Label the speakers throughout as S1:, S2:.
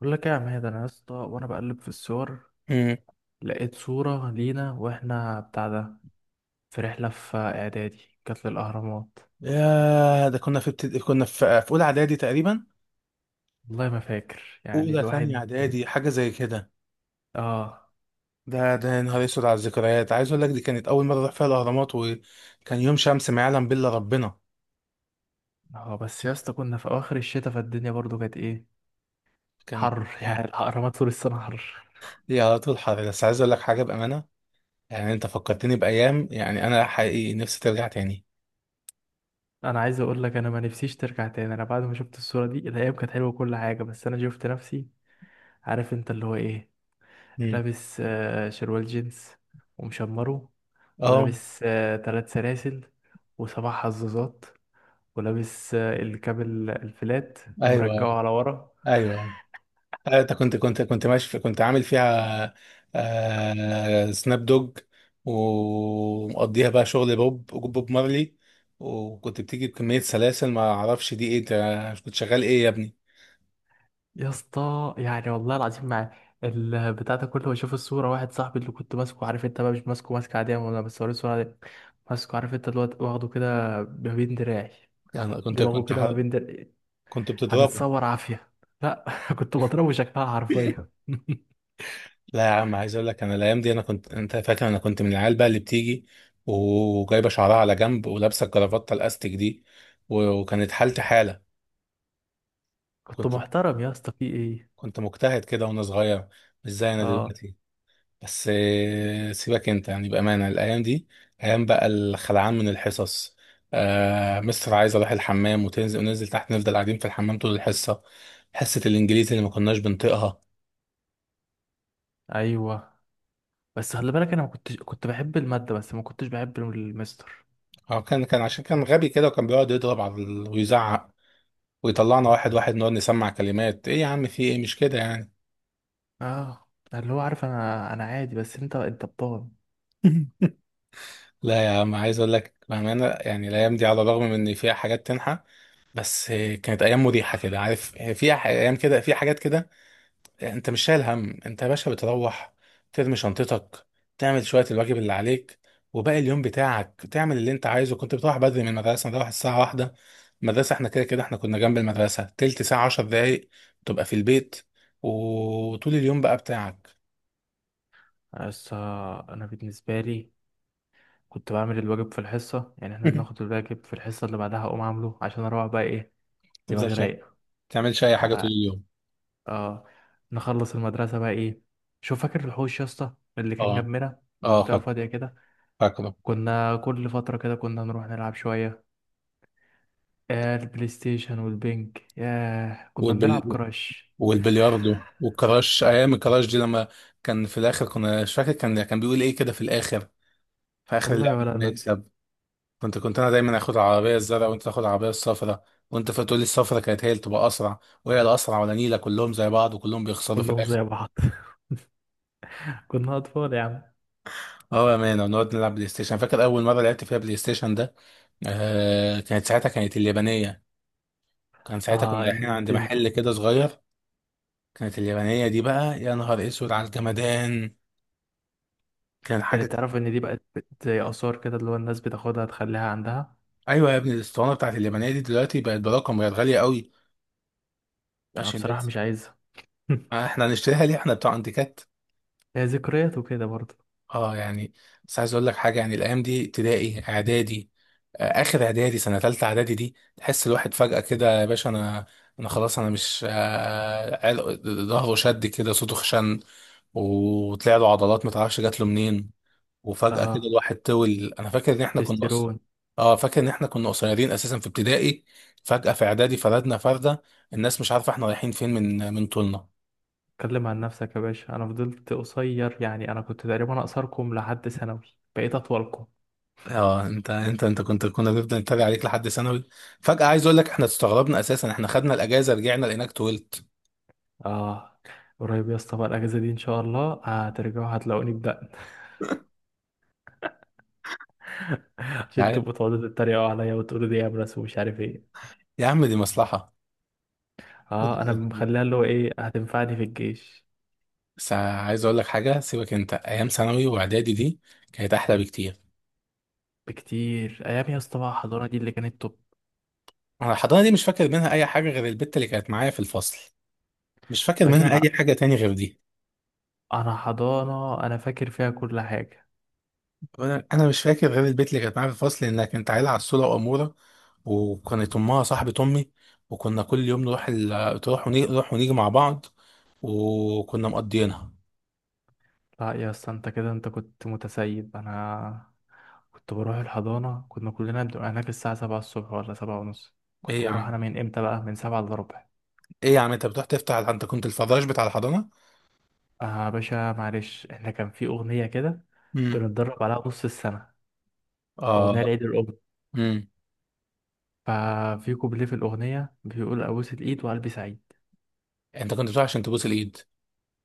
S1: بقول لك ايه يا عماد؟ انا يا اسطى وانا بقلب في الصور
S2: امم
S1: لقيت صورة لينا واحنا بتاع ده في رحلة في اعدادي كانت للاهرامات.
S2: يا ده كنا كنا في اولى اعدادي تقريبا،
S1: والله ما فاكر
S2: اولى ثانيه
S1: الواحد.
S2: اعدادي، حاجه زي كده.
S1: اه
S2: ده يا نهار اسود على الذكريات، عايز اقول لك دي كانت اول مره اروح فيها الاهرامات، وكان يوم شمس ما يعلم بالله ربنا.
S1: اه، بس يا اسطى كنا في اواخر الشتاء فالدنيا برضو كانت ايه،
S2: كانت
S1: حر يعني الاهرامات طول السنة حر.
S2: لي على طول حر. بس عايز اقول لك حاجه بامانه، يعني انت فكرتني بايام، يعني انا حقيقي نفسي ترجع تاني.
S1: انا عايز اقول لك انا ما نفسيش ترجع تاني. انا بعد ما شفت الصورة دي الايام كانت حلوة وكل حاجة، بس انا شفت نفسي. عارف انت اللي هو ايه،
S2: امم،
S1: لابس شروال جينز ومشمره،
S2: اه،
S1: ولابس ثلاث سلاسل وسبع حظاظات، ولابس الكابل الفلات
S2: ايوه،
S1: ومرجعه
S2: ايوه،
S1: على ورا.
S2: أيوه. انت كنت كنت كنت ماشي في كنت عامل فيها، سناب دوج. ومقضيها بقى شغل بوب مارلي، وكنت بتيجي بكمية سلاسل، ما اعرفش دي ايه. انت كنت شغال ايه يا ابني؟
S1: يا اسطى، والله العظيم، مع البتاع ده كله بشوف الصورة واحد صاحبي اللي كنت ماسكه، عارف انت بقى، مش ماسكه ماسكة عادية ولا، بس وريني الصورة دي، ماسكه عارف انت الواد واخده كده ما بين دراعي،
S2: يعني كنت
S1: دماغه
S2: كنت
S1: كده ما بين دراعي.
S2: كنت بتضربه؟
S1: هنتصور عافية؟ لا كنت بضربه شكلها حرفيا.
S2: لا يا عم، عايز اقول لك انا الايام دي، انا كنت، انت فاكر انا كنت من العيال بقى اللي بتيجي وجايبه شعرها على جنب، ولابسه الجرافته الاستيك دي، وكانت حالتي حاله.
S1: كنت
S2: كنت
S1: محترم يا اسطى في ايه؟
S2: كنت مجتهد كده وانا صغير، مش زي انا
S1: اه،
S2: دلوقتي. بس سيبك انت، يعني بأمانة الأيام دي، أيام بقى الخلعان من الحصص. مستر عايز أروح الحمام، وتنزل وننزل تحت، نفضل قاعدين في الحمام طول الحصة، حصة الإنجليزي اللي ما كناش بنطيقها.
S1: ايوه، بس خلي بالك انا ما كنتش، كنت بحب الماده بس ما كنتش بحب المستر.
S2: هو كان عشان كان غبي كده، وكان بيقعد يضرب على ويزعق، ويطلعنا واحد واحد نقعد نسمع كلمات. إيه يا عم؟ في إيه؟ مش كده يعني.
S1: اه، اللي هو، عارف، انا انا عادي، بس انت بطال.
S2: لا يا عم، عايز أقول لك بأمانة، يعني الأيام دي على الرغم من إن فيها حاجات تنحى، بس كانت أيام مريحة كده، عارف فيها أيام كده، في حاجات كده، انت مش شايل هم. انت يا باشا بتروح ترمي شنطتك، تعمل شوية الواجب اللي عليك، وباقي اليوم بتاعك تعمل اللي انت عايزه. كنت بتروح بدري من المدرسة، نروح الساعة 1، المدرسة، احنا كده كده احنا كنا جنب المدرسة تلت ساعة 10 دقايق، تبقى في البيت، وطول اليوم بقى بتاعك.
S1: بس انا بالنسبه لي كنت بعمل الواجب في الحصه. احنا بناخد الواجب في الحصه اللي بعدها اقوم عامله عشان اروح بقى ايه، دماغي
S2: ما
S1: رايقه.
S2: تعملش اي حاجة طول
S1: مع-
S2: اليوم.
S1: اه، نخلص المدرسه بقى ايه. شوف فاكر الحوش يا اسطى اللي كان
S2: اه،
S1: جنبنا،
S2: اه،
S1: منطقه فاضيه كده،
S2: فاكره.
S1: كنا كل فتره كده كنا نروح نلعب شويه آه البلاي ستيشن والبنك. ياه كنا بنلعب
S2: والبل...
S1: كراش.
S2: والبلياردو والكراش. ايام الكراش دي، لما كان في الاخر، كنا مش فاكر، كان بيقول ايه كده في الاخر، في اخر
S1: والله
S2: اللعبة.
S1: ولا انا.
S2: كنت انا دايما اخد العربيه الزرقاء، وانت تاخد العربيه الصفراء، وانت فتقول لي الصفراء كانت هي اللي تبقى اسرع. وهي الاسرع ولا نيله؟ كلهم زي بعض وكلهم بيخسروا في
S1: كلهم
S2: الاخر.
S1: زي بعض كنا اطفال يا عم.
S2: اه يا مان، ونقعد نلعب بلاي ستيشن. فاكر اول مره لعبت فيها بلاي ستيشن ده؟ كانت ساعتها، كانت اليابانيه، كان ساعتها كنا
S1: اه
S2: رايحين عند
S1: النينتندو انت،
S2: محل كده صغير. كانت اليابانيه دي بقى، يا نهار اسود على الجمدان، كان
S1: اللي
S2: حاجه.
S1: تعرف ان دي بقت زي اثار كده، اللي هو الناس بتاخدها تخليها عندها.
S2: ايوه يا ابني، الاسطوانه بتاعت اليابانيه دي دلوقتي بقت برقم، بقت غاليه قوي،
S1: انا
S2: عشان
S1: بصراحه
S2: بس.
S1: مش عايزها
S2: احنا هنشتريها ليه؟ احنا بتوع انتيكات.
S1: هي ذكريات وكده برضه.
S2: اه يعني، بس عايز اقول لك حاجه، يعني الايام دي ابتدائي اعدادي، اخر اعدادي، سنه ثالثه اعدادي دي، تحس الواحد فجاه كده يا باشا. انا، انا خلاص انا مش ظهره شد كده، صوته خشن، وطلع له عضلات ما تعرفش جات له منين. وفجاه كده
S1: اه،
S2: الواحد طول. انا فاكر ان احنا كنا اصلا،
S1: تستيرون.
S2: اه، فاكر ان احنا كنا قصيرين اساسا في ابتدائي، فجاه في اعدادي فردنا فرده، الناس مش عارفه احنا رايحين فين، من طولنا.
S1: اتكلم عن نفسك يا باشا، انا فضلت قصير. يعني انا كنت تقريبا اقصركم لحد ثانوي، بقيت اطولكم.
S2: اه، انت كنت، كنا بنفضل نتريق عليك لحد ثانوي. فجأة عايز اقول لك احنا استغربنا اساسا، احنا خدنا الاجازة رجعنا لقيناك طولت.
S1: اه، قريب يا اسطى بقى الاجازه دي ان شاء الله هترجعوا هتلاقوني بدقن عشان
S2: يعني-
S1: تبقوا تقعدوا تتريقوا عليا وتقولوا دي يا ناس ومش عارف ايه.
S2: يا عم دي مصلحة.
S1: اه انا مخليها اللي هو ايه، هتنفعني في الجيش.
S2: بس عايز اقول لك حاجة، سيبك انت، ايام ثانوي واعدادي دي كانت احلى بكتير.
S1: بكتير ايام يا اسطى بقى الحضانه دي اللي كانت توب.
S2: انا الحضانة دي مش فاكر منها اي حاجة غير البت اللي كانت معايا في الفصل، مش فاكر منها
S1: باشا،
S2: اي حاجة تاني غير دي.
S1: انا حضانه انا فاكر فيها كل حاجه.
S2: انا مش فاكر غير البت اللي كانت معايا في الفصل، انها كانت عيلة عسولة وامورة، وكانت امها صاحبة امي. وكنا كل يوم نروح تروح ونيجي، نروح ونيجي مع بعض، وكنا مقضيينها.
S1: لا يا اسطى، انت كده، انت كنت متسيب. انا كنت بروح الحضانه، كنا كلنا بنبقى هناك الساعه 7 الصبح ولا 7 ونص.
S2: ايه
S1: كنت
S2: يا
S1: بروح انا
S2: عم،
S1: من امتى بقى، من 7 الا ربع.
S2: ايه يا عم، انت بتروح تفتح؟ انت كنت الفراش بتاع الحضانه؟
S1: اه، باشا معلش احنا كان في اغنيه كده
S2: امم،
S1: بنتدرب عليها نص السنه، اغنيه
S2: اه،
S1: لعيد الام.
S2: امم.
S1: ففي كوبليه في الاغنيه بيقول ابوس الايد وقلبي سعيد،
S2: انت كنت بتروح عشان تبوس الايد؟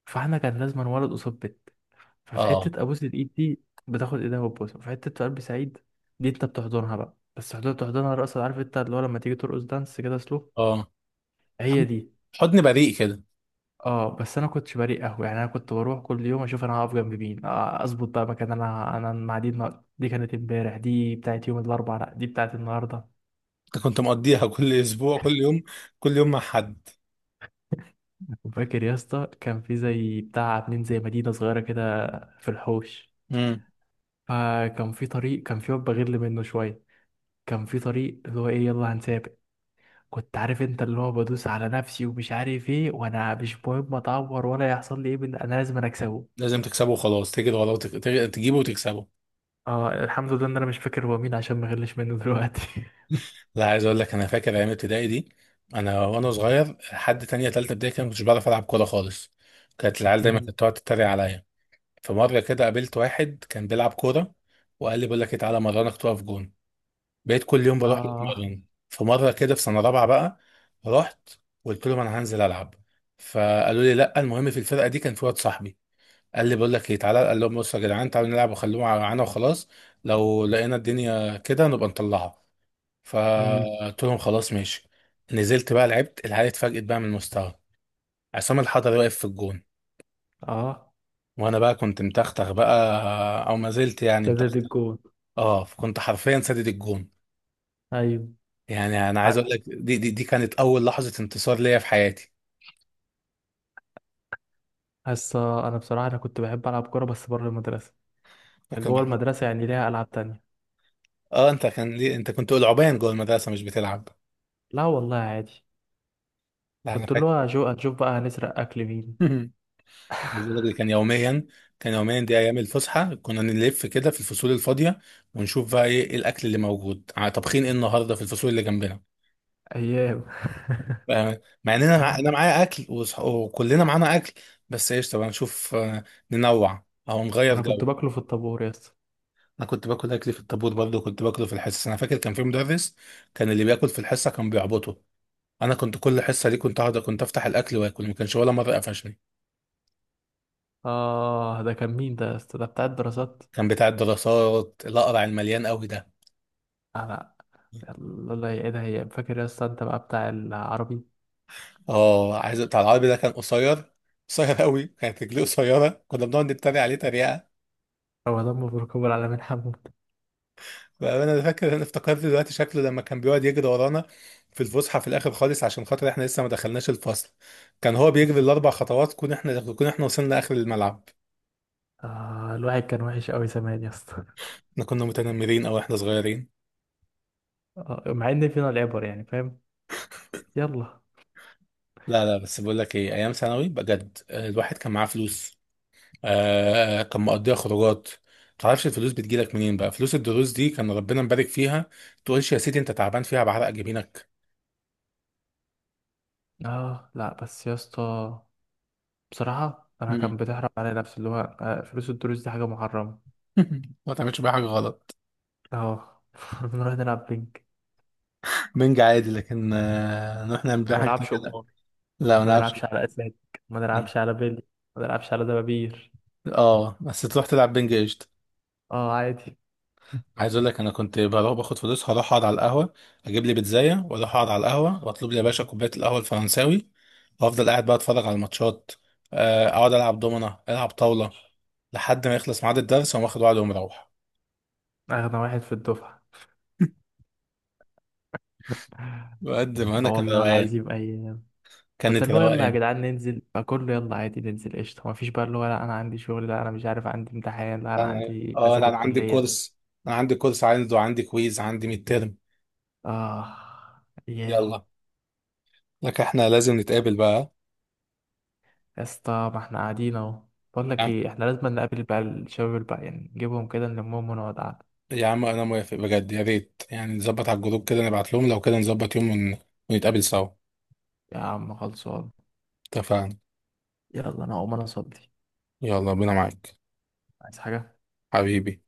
S1: فاحنا كان لازم ولد قصاد بنت، ففي
S2: اه،
S1: حتة أبوس الإيد دي بتاخد إيدها وتبوسها. في حتة قلب سعيد دي أنت بتحضنها بقى، بس حضرتك بتحضنها رقص، عارف أنت اللي هو لما تيجي ترقص دانس كده، سلو،
S2: اه،
S1: هي
S2: حضن
S1: دي.
S2: حضن بريء كده.
S1: اه بس انا كنتش بريء قهوه. يعني انا كنت بروح كل يوم اشوف انا هقف جنب مين، اظبط بقى مكان. انا المعاديد ما... دي كانت امبارح، دي بتاعت يوم الاربعاء، لا دي بتاعت النهارده.
S2: انت كنت مقضيها كل اسبوع، كل يوم، كل يوم مع حد.
S1: وفاكر يا اسطى كان في زي بتاع، عاملين زي مدينه صغيره كده في الحوش،
S2: امم.
S1: فكان في طريق، كان في واد بغل منه شويه، كان في طريق اللي هو ايه يلا هنسافر. كنت عارف انت اللي هو بدوس على نفسي ومش عارف ايه، وانا مش مهم اتعور ولا يحصل لي ايه، من انا لازم انا اكسبه.
S2: لازم تكسبه وخلاص، تجري وراه تجيبه وتكسبه.
S1: اه الحمد لله ان انا مش فاكر هو مين عشان ما غلش منه دلوقتي
S2: لا، عايز اقول لك انا فاكر ايام ابتدائي دي، انا وانا صغير لحد تانية تالتة ابتدائي كده، ما كنتش بعرف العب كوره خالص. كانت العيال دايما
S1: مم.
S2: كانت تقعد تتريق عليا. في مرة كده قابلت واحد كان بيلعب كورة، وقال لي بقول لك إيه، تعالى مرنك تقف جون. بقيت كل يوم بروح له
S1: اه.
S2: اتمرن. في مرة كده في سنة رابعة بقى، رحت قلت لهم أنا هنزل ألعب. فقالوا لي لا. المهم، في الفرقة دي كان في واد صاحبي، قال لي بقول لك إيه تعالى، قال لهم بصوا يا جدعان، تعالوا نلعب وخلوهم معانا وخلاص، لو لقينا الدنيا كده نبقى نطلعها.
S1: امم.
S2: فقلت لهم خلاص ماشي. نزلت بقى لعبت، العيال اتفاجئت بقى من المستوى، عصام الحضري واقف في الجون.
S1: اه،
S2: وانا بقى كنت متختخ بقى، او ما زلت يعني
S1: ده ده
S2: متختخ،
S1: الجون.
S2: اه، فكنت حرفيا سدد الجون.
S1: ايوه.
S2: يعني انا عايز
S1: ع-
S2: اقول لك دي كانت اول لحظه انتصار ليا في حياتي.
S1: هسه انا بصراحه انا كنت بحب العب كوره بس بره المدرسه. يعني
S2: فكنا
S1: جوه
S2: احنا،
S1: المدرسه يعني ليها العاب تانية.
S2: اه، انت كان ليه انت كنت العبان جوه المدرسه مش بتلعب؟
S1: لا والله، عادي.
S2: لا انا
S1: كنت اللي
S2: فاكر.
S1: هو هنشوف بقى هنسرق اكل مين.
S2: عايز أقول لك دي كان يوميا، كان يوميا. دي ايام الفسحه، كنا نلف كده في الفصول الفاضيه، ونشوف بقى إيه الاكل اللي موجود، طابخين ايه النهارده في الفصول اللي جنبنا،
S1: ايام.
S2: مع اننا انا معايا اكل وكلنا معانا اكل، بس ايش طبعا نشوف ننوع او نغير
S1: انا كنت
S2: جو.
S1: باكله في الطابور يا اسطى.
S2: انا كنت باكل اكلي في الطابور برضه، كنت باكله في الحصص. انا فاكر كان في مدرس، كان اللي بياكل في الحصه كان بيعبطه، انا كنت كل حصه دي، كنت اقعد، كنت افتح الاكل واكل، ما كانش ولا مره قفشني.
S1: اه ده كان مين ده يا اسطى، ده بتاع الدراسات.
S2: كان بتاع الدراسات الاقرع، المليان قوي ده.
S1: انا، الله يعيدها هي. فاكر يا اسطى انت بقى بتاع العربي؟
S2: اه، عايز بتاع العربي ده، كان قصير، قصير قوي، كانت رجليه قصيره، كنا بنقعد نتريق عليه تريقه.
S1: رمضان مبروك ابو العلمين حمود.
S2: انا فاكر، انا افتكرت دلوقتي شكله لما كان بيقعد يجري ورانا في الفسحه، في الاخر خالص، عشان خاطر احنا لسه ما دخلناش الفصل. كان هو بيجري الـ4 خطوات كون احنا وصلنا اخر الملعب.
S1: آه، الواحد كان وحش قوي زمان يا اسطى.
S2: احنا كنا متنمرين، او احنا صغيرين.
S1: آه مع ان فينا العبر، يعني فاهم. يلا.
S2: لا، لا، بس بقول لك ايه، ايام ثانوي بجد الواحد كان معاه فلوس، كان مقضيها خروجات. متعرفش الفلوس بتجيلك منين بقى. فلوس الدروس دي كان ربنا مبارك فيها، تقولش يا سيدي انت تعبان فيها بعرق جبينك.
S1: اه لا، بس يا اسطى بصراحه انا
S2: مم.
S1: كان بتحرم على نفسي اللي هو فلوس الدروس دي حاجه محرمه.
S2: ما تعملش بيها حاجه غلط.
S1: اه نروح نلعب بينج.
S2: بنج عادي، لكن نروح نعمل بيها
S1: ما
S2: حاجه تانية.
S1: نلعبش قمار،
S2: لا ما
S1: ما
S2: نلعبش.
S1: نلعبش على اسلاك، ما نلعبش على بيلي، ما نلعبش على دبابير.
S2: اه، بس تروح تلعب بنج قشطه.
S1: اه عادي.
S2: عايز اقول لك انا كنت بروح باخد فلوس، هروح اقعد على القهوه، اجيب لي بيتزايه، واروح اقعد على القهوه، واطلب لي يا باشا كوبايه القهوه الفرنساوي، وافضل قاعد بقى اتفرج على الماتشات، اقعد العب دومنه، العب طاوله، لحد ما يخلص ميعاد الدرس، واقوم واخد وعد ومروح.
S1: اغنى واحد في الدفعه.
S2: بقد ما انا
S1: اه
S2: كان
S1: والله
S2: روقان،
S1: العظيم اي. كنت
S2: كانت
S1: اللي هو يلا يا
S2: روقان.
S1: جدعان ننزل، فكله يلا عادي ننزل قشطة، مفيش بقى اللي هو لا أنا عندي شغل، لا أنا مش عارف عندي امتحان، لا أنا
S2: لا انا
S1: عندي
S2: اه لا
S1: نازل
S2: انا عندي
S1: الكلية.
S2: كورس، انا عندي كورس، عندي كويز، عندي ميد ترم.
S1: آه. أيام.
S2: يلا. لك احنا لازم نتقابل بقى.
S1: يا اسطى ما احنا قاعدين أهو. بقول
S2: يا
S1: لك
S2: عم،
S1: إيه، احنا لازم نقابل بقى الشباب الباقي، يعني نجيبهم كده نلمهم ونقعد قعدة.
S2: يا عم، انا موافق بجد، يا ريت يعني نظبط على الجروب كده، نبعت لهم لو كده نظبط يوم ونتقابل سوا.
S1: يا عم خلصان.
S2: اتفقنا.
S1: يلا، أنا هقوم أنا أصلي.
S2: يلا بينا معاك،
S1: عايز حاجة؟
S2: حبيبي.